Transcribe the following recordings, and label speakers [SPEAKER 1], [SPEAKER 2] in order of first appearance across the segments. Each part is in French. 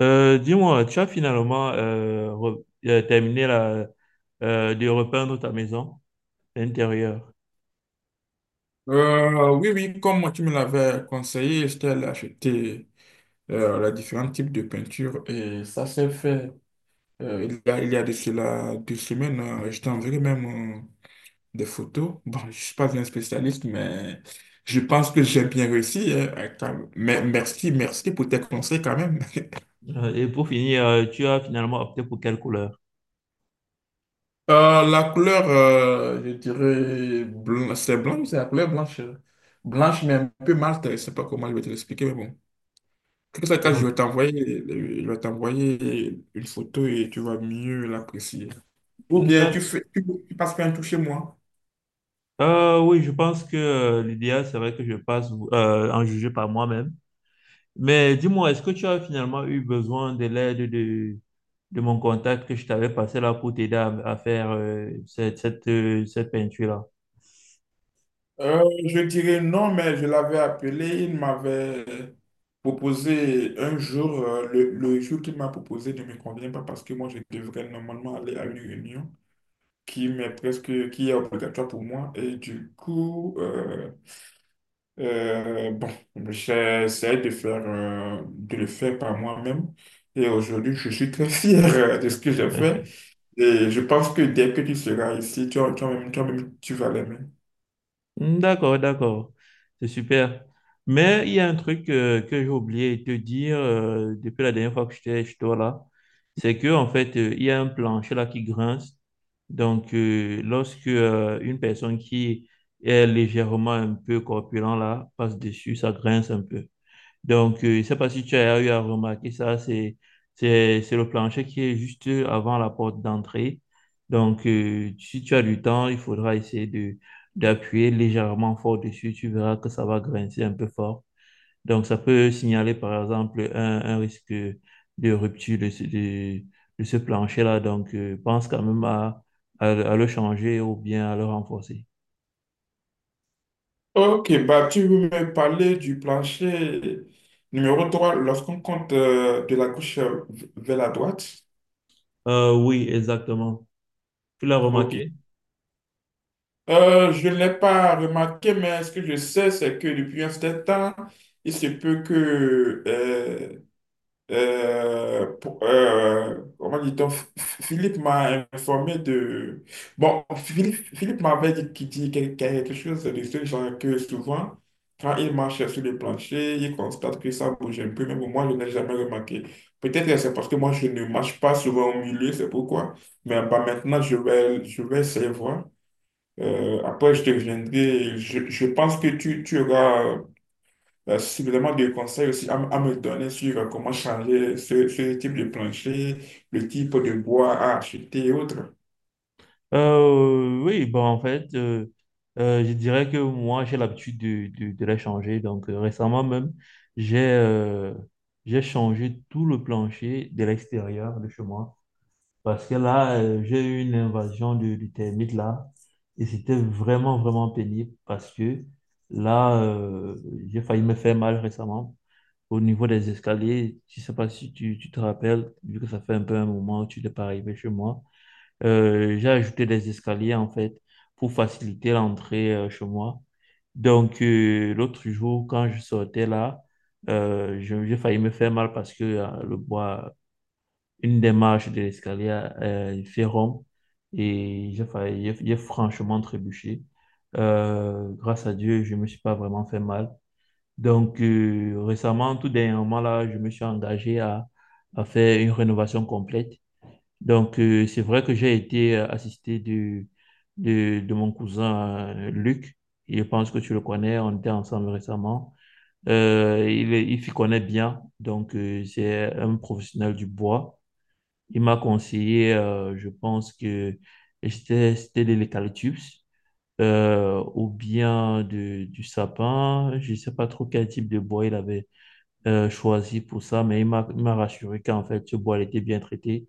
[SPEAKER 1] Dis-moi, tu as finalement terminé de repeindre ta maison intérieure.
[SPEAKER 2] Oui, oui, comme moi, tu me l'avais conseillé, je t'ai acheté les différents types de peintures et ça s'est fait. Il y a de cela deux semaines, je t'enverrai même euh, des photos. Bon, je ne suis pas un spécialiste, mais je pense que j'ai bien réussi, hein. Attends, mais merci, merci pour tes conseils quand même.
[SPEAKER 1] Et pour finir, tu as finalement opté pour quelle couleur?
[SPEAKER 2] La couleur, je dirais, blanc, c'est la couleur blanche. Blanche, mais un peu mate, je ne sais pas comment je vais te l'expliquer, mais bon. Dans tous les cas, je vais t'envoyer une photo et tu vas mieux l'apprécier. Ou
[SPEAKER 1] Euh,
[SPEAKER 2] bien tu
[SPEAKER 1] d'ac-
[SPEAKER 2] fais, tu passes par un tour chez moi.
[SPEAKER 1] oui, je pense que l'idéal serait que je passe en juger par moi-même. Mais dis-moi, est-ce que tu as finalement eu besoin de l'aide de mon contact que je t'avais passé là pour t'aider à faire cette peinture-là?
[SPEAKER 2] Euh, je dirais non, mais je l'avais appelé, il m'avait proposé un jour, le jour qu'il m'a proposé ne me convient pas parce que moi, je devrais normalement aller à une réunion qui m'est presque, qui est obligatoire pour moi. Et du coup, bon, j'essaie de faire, de le faire par moi-même et aujourd'hui, je suis très fier de ce que j'ai fait et je pense que dès que tu seras ici, toi-même, tu vas l'aimer.
[SPEAKER 1] Hmm. D'accord, d'accord. C'est super. Mais il y a un truc que j'ai oublié de te dire depuis la dernière fois que j'étais chez toi là, c'est que en fait, il y a un plancher là qui grince. Donc, lorsque une personne qui est légèrement un peu corpulent là passe dessus, ça grince un peu. Donc, je ne sais pas si tu as eu à remarquer ça, c'est le plancher qui est juste avant la porte d'entrée. Donc, si tu as du temps, il faudra essayer d'appuyer légèrement fort dessus. Tu verras que ça va grincer un peu fort. Donc, ça peut signaler, par exemple, un risque de rupture de ce plancher-là. Donc, pense quand même à le changer ou bien à le renforcer.
[SPEAKER 2] Ok, bah tu veux me parler du plancher numéro 3 lorsqu'on compte de la gauche vers la droite?
[SPEAKER 1] Oui, exactement. Tu l'as
[SPEAKER 2] Ok.
[SPEAKER 1] remarqué?
[SPEAKER 2] Je ne l'ai pas remarqué, mais ce que je sais, c'est que depuis un certain temps, il se peut que comment dit-on? Philippe m'a informé de… Bon, Philippe m'avait dit qu'il dit quelque chose de ce genre, que souvent, quand il marche sur le plancher, il constate que ça bouge un peu, mais pour moi, je n'ai jamais remarqué. Peut-être que c'est parce que moi, je ne marche pas souvent au milieu, c'est pourquoi. Mais bah, maintenant, je vais essayer de voir. Après, je te reviendrai. Je pense que tu auras suffisamment de conseils aussi à, à me donner sur comment changer ce type de plancher, le type de bois à acheter et autres.
[SPEAKER 1] Oui, bon, en fait, je dirais que moi, j'ai l'habitude de les changer. Donc, récemment même, j'ai euh, j'ai changé tout le plancher de l'extérieur de chez moi. Parce que là, j'ai eu une invasion du de termites là. Et c'était vraiment, vraiment pénible parce que là, j'ai failli me faire mal récemment au niveau des escaliers. Je ne sais pas si tu, tu te rappelles, vu que ça fait un peu un moment que tu n'es pas arrivé chez moi. J'ai ajouté des escaliers en fait pour faciliter l'entrée chez moi. Donc, l'autre jour, quand je sortais là, j'ai failli me faire mal parce que le bois une des marches de l'escalier fait rond et j'ai failli- j'ai franchement trébuché. Grâce à Dieu, je ne me suis pas vraiment fait mal. Donc, récemment, tout dernièrement, là, je me suis engagé à faire une rénovation complète. Donc, c'est vrai que j'ai été de mon cousin Luc. Je pense que tu le connais, on était ensemble récemment. Il s'y connaît bien, donc c'est un professionnel du bois. Il m'a conseillé, je pense que c'était de l'eucalyptus ou bien du sapin. Je ne sais pas trop quel type de bois il avait choisi pour ça, mais il m'a rassuré qu'en fait, ce bois il était bien traité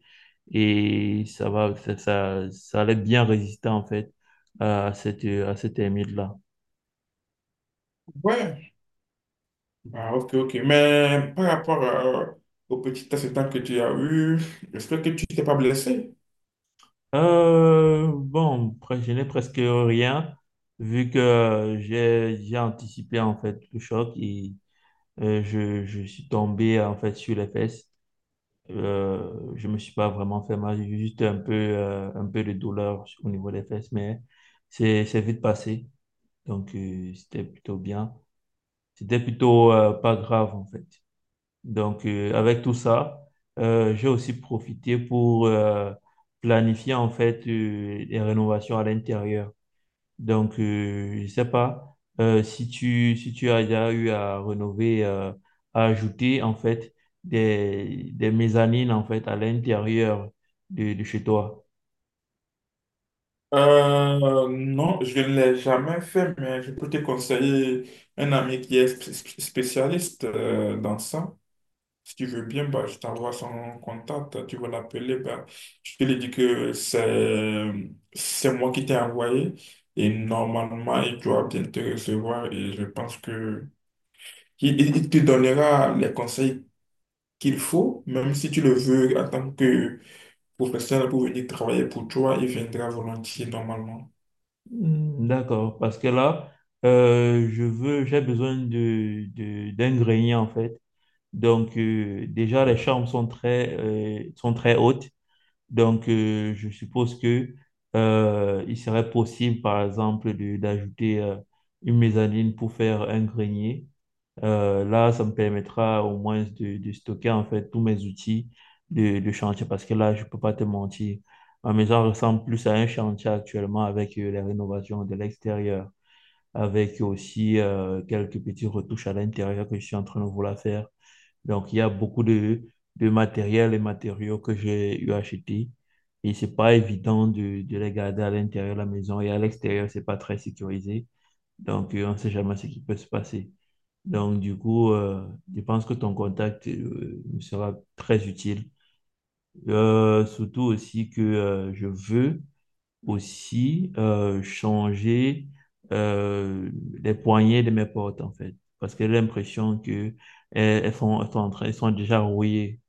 [SPEAKER 1] et ça va, ça allait bien résister en fait à cette là.
[SPEAKER 2] Ouais, ah, ok, ok. Mais par rapport au petit accident que tu as eu, j'espère que tu t'es pas blessé.
[SPEAKER 1] Bon, après, je n'ai presque rien vu que j'ai anticipé en fait le choc et je suis tombé en fait sur les fesses. Je me suis pas vraiment fait mal, j'ai juste un peu de douleur au niveau des fesses, mais c'est vite passé. Donc c'était plutôt bien. C'était plutôt pas grave en fait. Donc avec tout ça, j'ai aussi profité pour planifier en fait les rénovations à l'intérieur. Donc, je ne sais pas si tu as déjà eu à rénover, à ajouter en fait des mezzanines en fait à l'intérieur de chez toi.
[SPEAKER 2] Non, je ne l'ai jamais fait, mais je peux te conseiller un ami qui est spécialiste dans ça. Si tu veux bien, bah, je t'envoie son contact, tu vas l'appeler. Bah, je te lui dis que c'est moi qui t'ai envoyé et normalement, il doit bien te recevoir et je pense que il te donnera les conseils qu'il faut, même si tu le veux en tant que professionnel pour venir travailler pour toi, il viendra volontiers normalement.
[SPEAKER 1] Hmm. D'accord, parce que là, j'ai besoin d'un grenier en fait. Donc, déjà, les chambres sont très hautes. Donc, je suppose que il serait possible, par exemple, d'ajouter une mezzanine pour faire un grenier. Là, ça me permettra au moins de stocker en fait tous mes outils de chantier parce que là, je peux pas te mentir. Ma maison ressemble plus à un chantier actuellement avec les rénovations de l'extérieur, avec aussi quelques petits retouches à l'intérieur que je suis en train de vouloir faire. Donc, il y a beaucoup de matériel et matériaux que j'ai eu acheté. Et c'est pas évident de les garder à l'intérieur de la maison et à l'extérieur, c'est pas très sécurisé. Donc, on sait jamais ce qui peut se passer. Donc, du coup, je pense que ton contact me sera très utile. Surtout aussi que je veux aussi changer euh, les poignées de mes portes, en fait. Parce que j'ai l'impression que elles, elles font, elles sont en train, elles sont déjà rouillées.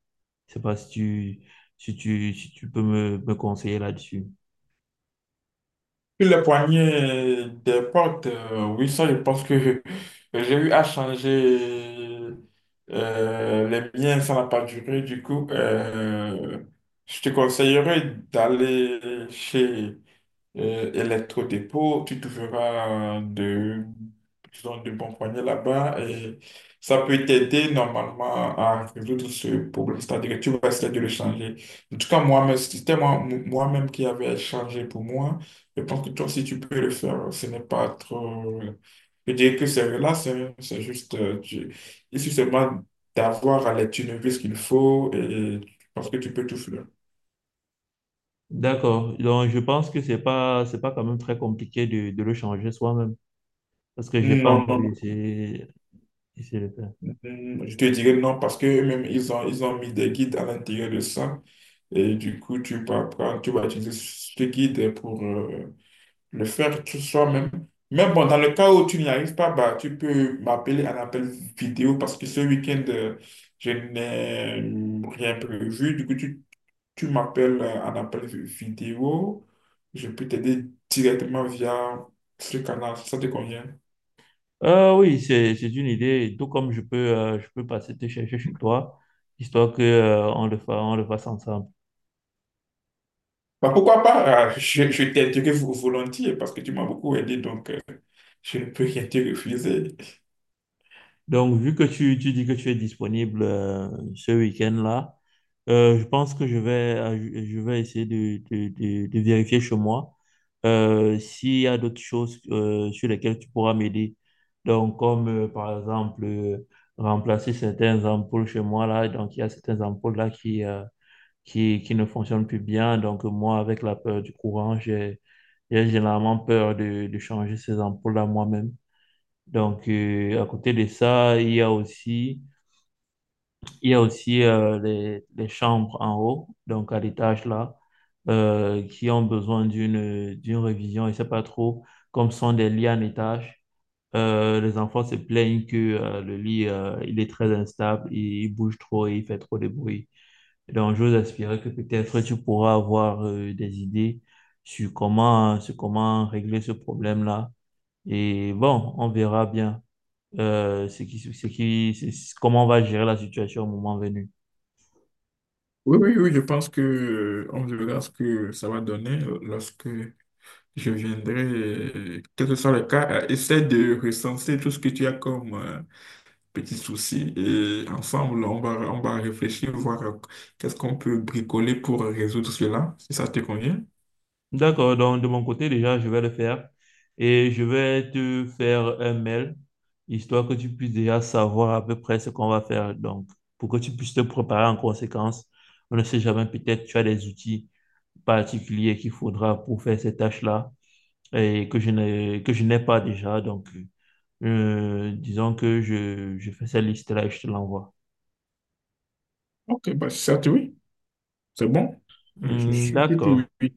[SPEAKER 1] Je sais pas si tu peux me conseiller là-dessus.
[SPEAKER 2] Sur les poignées des portes, oui, ça, je pense que j'ai eu à changer les miens, ça n'a pas duré. Du coup, je te conseillerais d'aller chez électro-dépôt, tu trouveras de, disons, de bons poignets là-bas et ça peut t'aider normalement à résoudre ce problème, c'est-à-dire que tu vas essayer de le changer. En tout cas, moi-même, si c'était moi, moi-même qui avait changé pour moi. Je pense que toi aussi, tu peux le faire. Ce n'est pas trop… Je dirais que c'est relax, hein. C'est juste… Il suffit seulement d'avoir à l'étude ce qu'il faut et je pense que tu peux tout faire.
[SPEAKER 1] D'accord. Donc, je pense que c'est pas quand même très compliqué de le changer soi-même. Parce que j'ai pas
[SPEAKER 2] Non,
[SPEAKER 1] encore
[SPEAKER 2] non, non.
[SPEAKER 1] essayé, essayé de le faire.
[SPEAKER 2] Hmm, je te dirais non parce que même ils ont mis des guides à l'intérieur de ça. Et du coup, tu vas utiliser ce guide pour le faire tout soi-même. Mais bon, dans le cas où tu n'y arrives pas, bah, tu peux m'appeler un appel vidéo parce que ce week-end, je n'ai rien prévu. Du coup, tu m'appelles un appel vidéo. Je peux t'aider directement via ce canal. Ça te convient?
[SPEAKER 1] Oui, c'est une idée. Tout comme je peux passer te chercher chez toi, histoire que, on le fasse ensemble.
[SPEAKER 2] Bah, pourquoi pas? Je t'aiderai volontiers parce que tu m'as beaucoup aidé, donc je ne peux rien te refuser.
[SPEAKER 1] Donc, vu que tu dis que tu es disponible ce week-end-là, je pense que je vais essayer de vérifier chez moi s'il y a d'autres choses sur lesquelles tu pourras m'aider. Donc, comme par exemple remplacer certains ampoules chez moi là. Donc, il y a certaines ampoules là qui ne fonctionnent plus bien. Donc, moi, avec la peur du courant, j'ai généralement peur de changer ces ampoules là moi-même. Donc, à côté de ça, il y a aussi les chambres en haut, donc à l'étage là, qui ont besoin d'une révision. Je sais pas trop, comme ce sont des lits en étage, les enfants se plaignent que il est très instable, il bouge trop et il fait trop de bruit. Donc, j'ose espérer que peut-être tu pourras avoir des idées sur comment régler ce problème-là. Et bon, on verra bien ce qui, c'est- comment on va gérer la situation au moment venu.
[SPEAKER 2] Oui, oui, oui, je pense que on verra ce que ça va donner lorsque je viendrai. Quel que soit le cas, essaie de recenser tout ce que tu as comme petits soucis et ensemble, on va réfléchir, voir qu'est-ce qu'on peut bricoler pour résoudre cela, si ça te convient.
[SPEAKER 1] D'accord, donc de mon côté, déjà, je vais le faire et je vais te faire un mail, histoire que tu puisses déjà savoir à peu près ce qu'on va faire. Donc, pour que tu puisses te préparer en conséquence, on ne sait jamais, peut-être tu as des outils particuliers qu'il faudra pour faire ces tâches-là et que je n'ai pas déjà. Donc, disons que je fais cette liste-là et je te l'envoie.
[SPEAKER 2] Ok, bah, certes, oui, c'est bon. Je
[SPEAKER 1] Hmm.
[SPEAKER 2] suis plutôt
[SPEAKER 1] D'accord.
[SPEAKER 2] oui.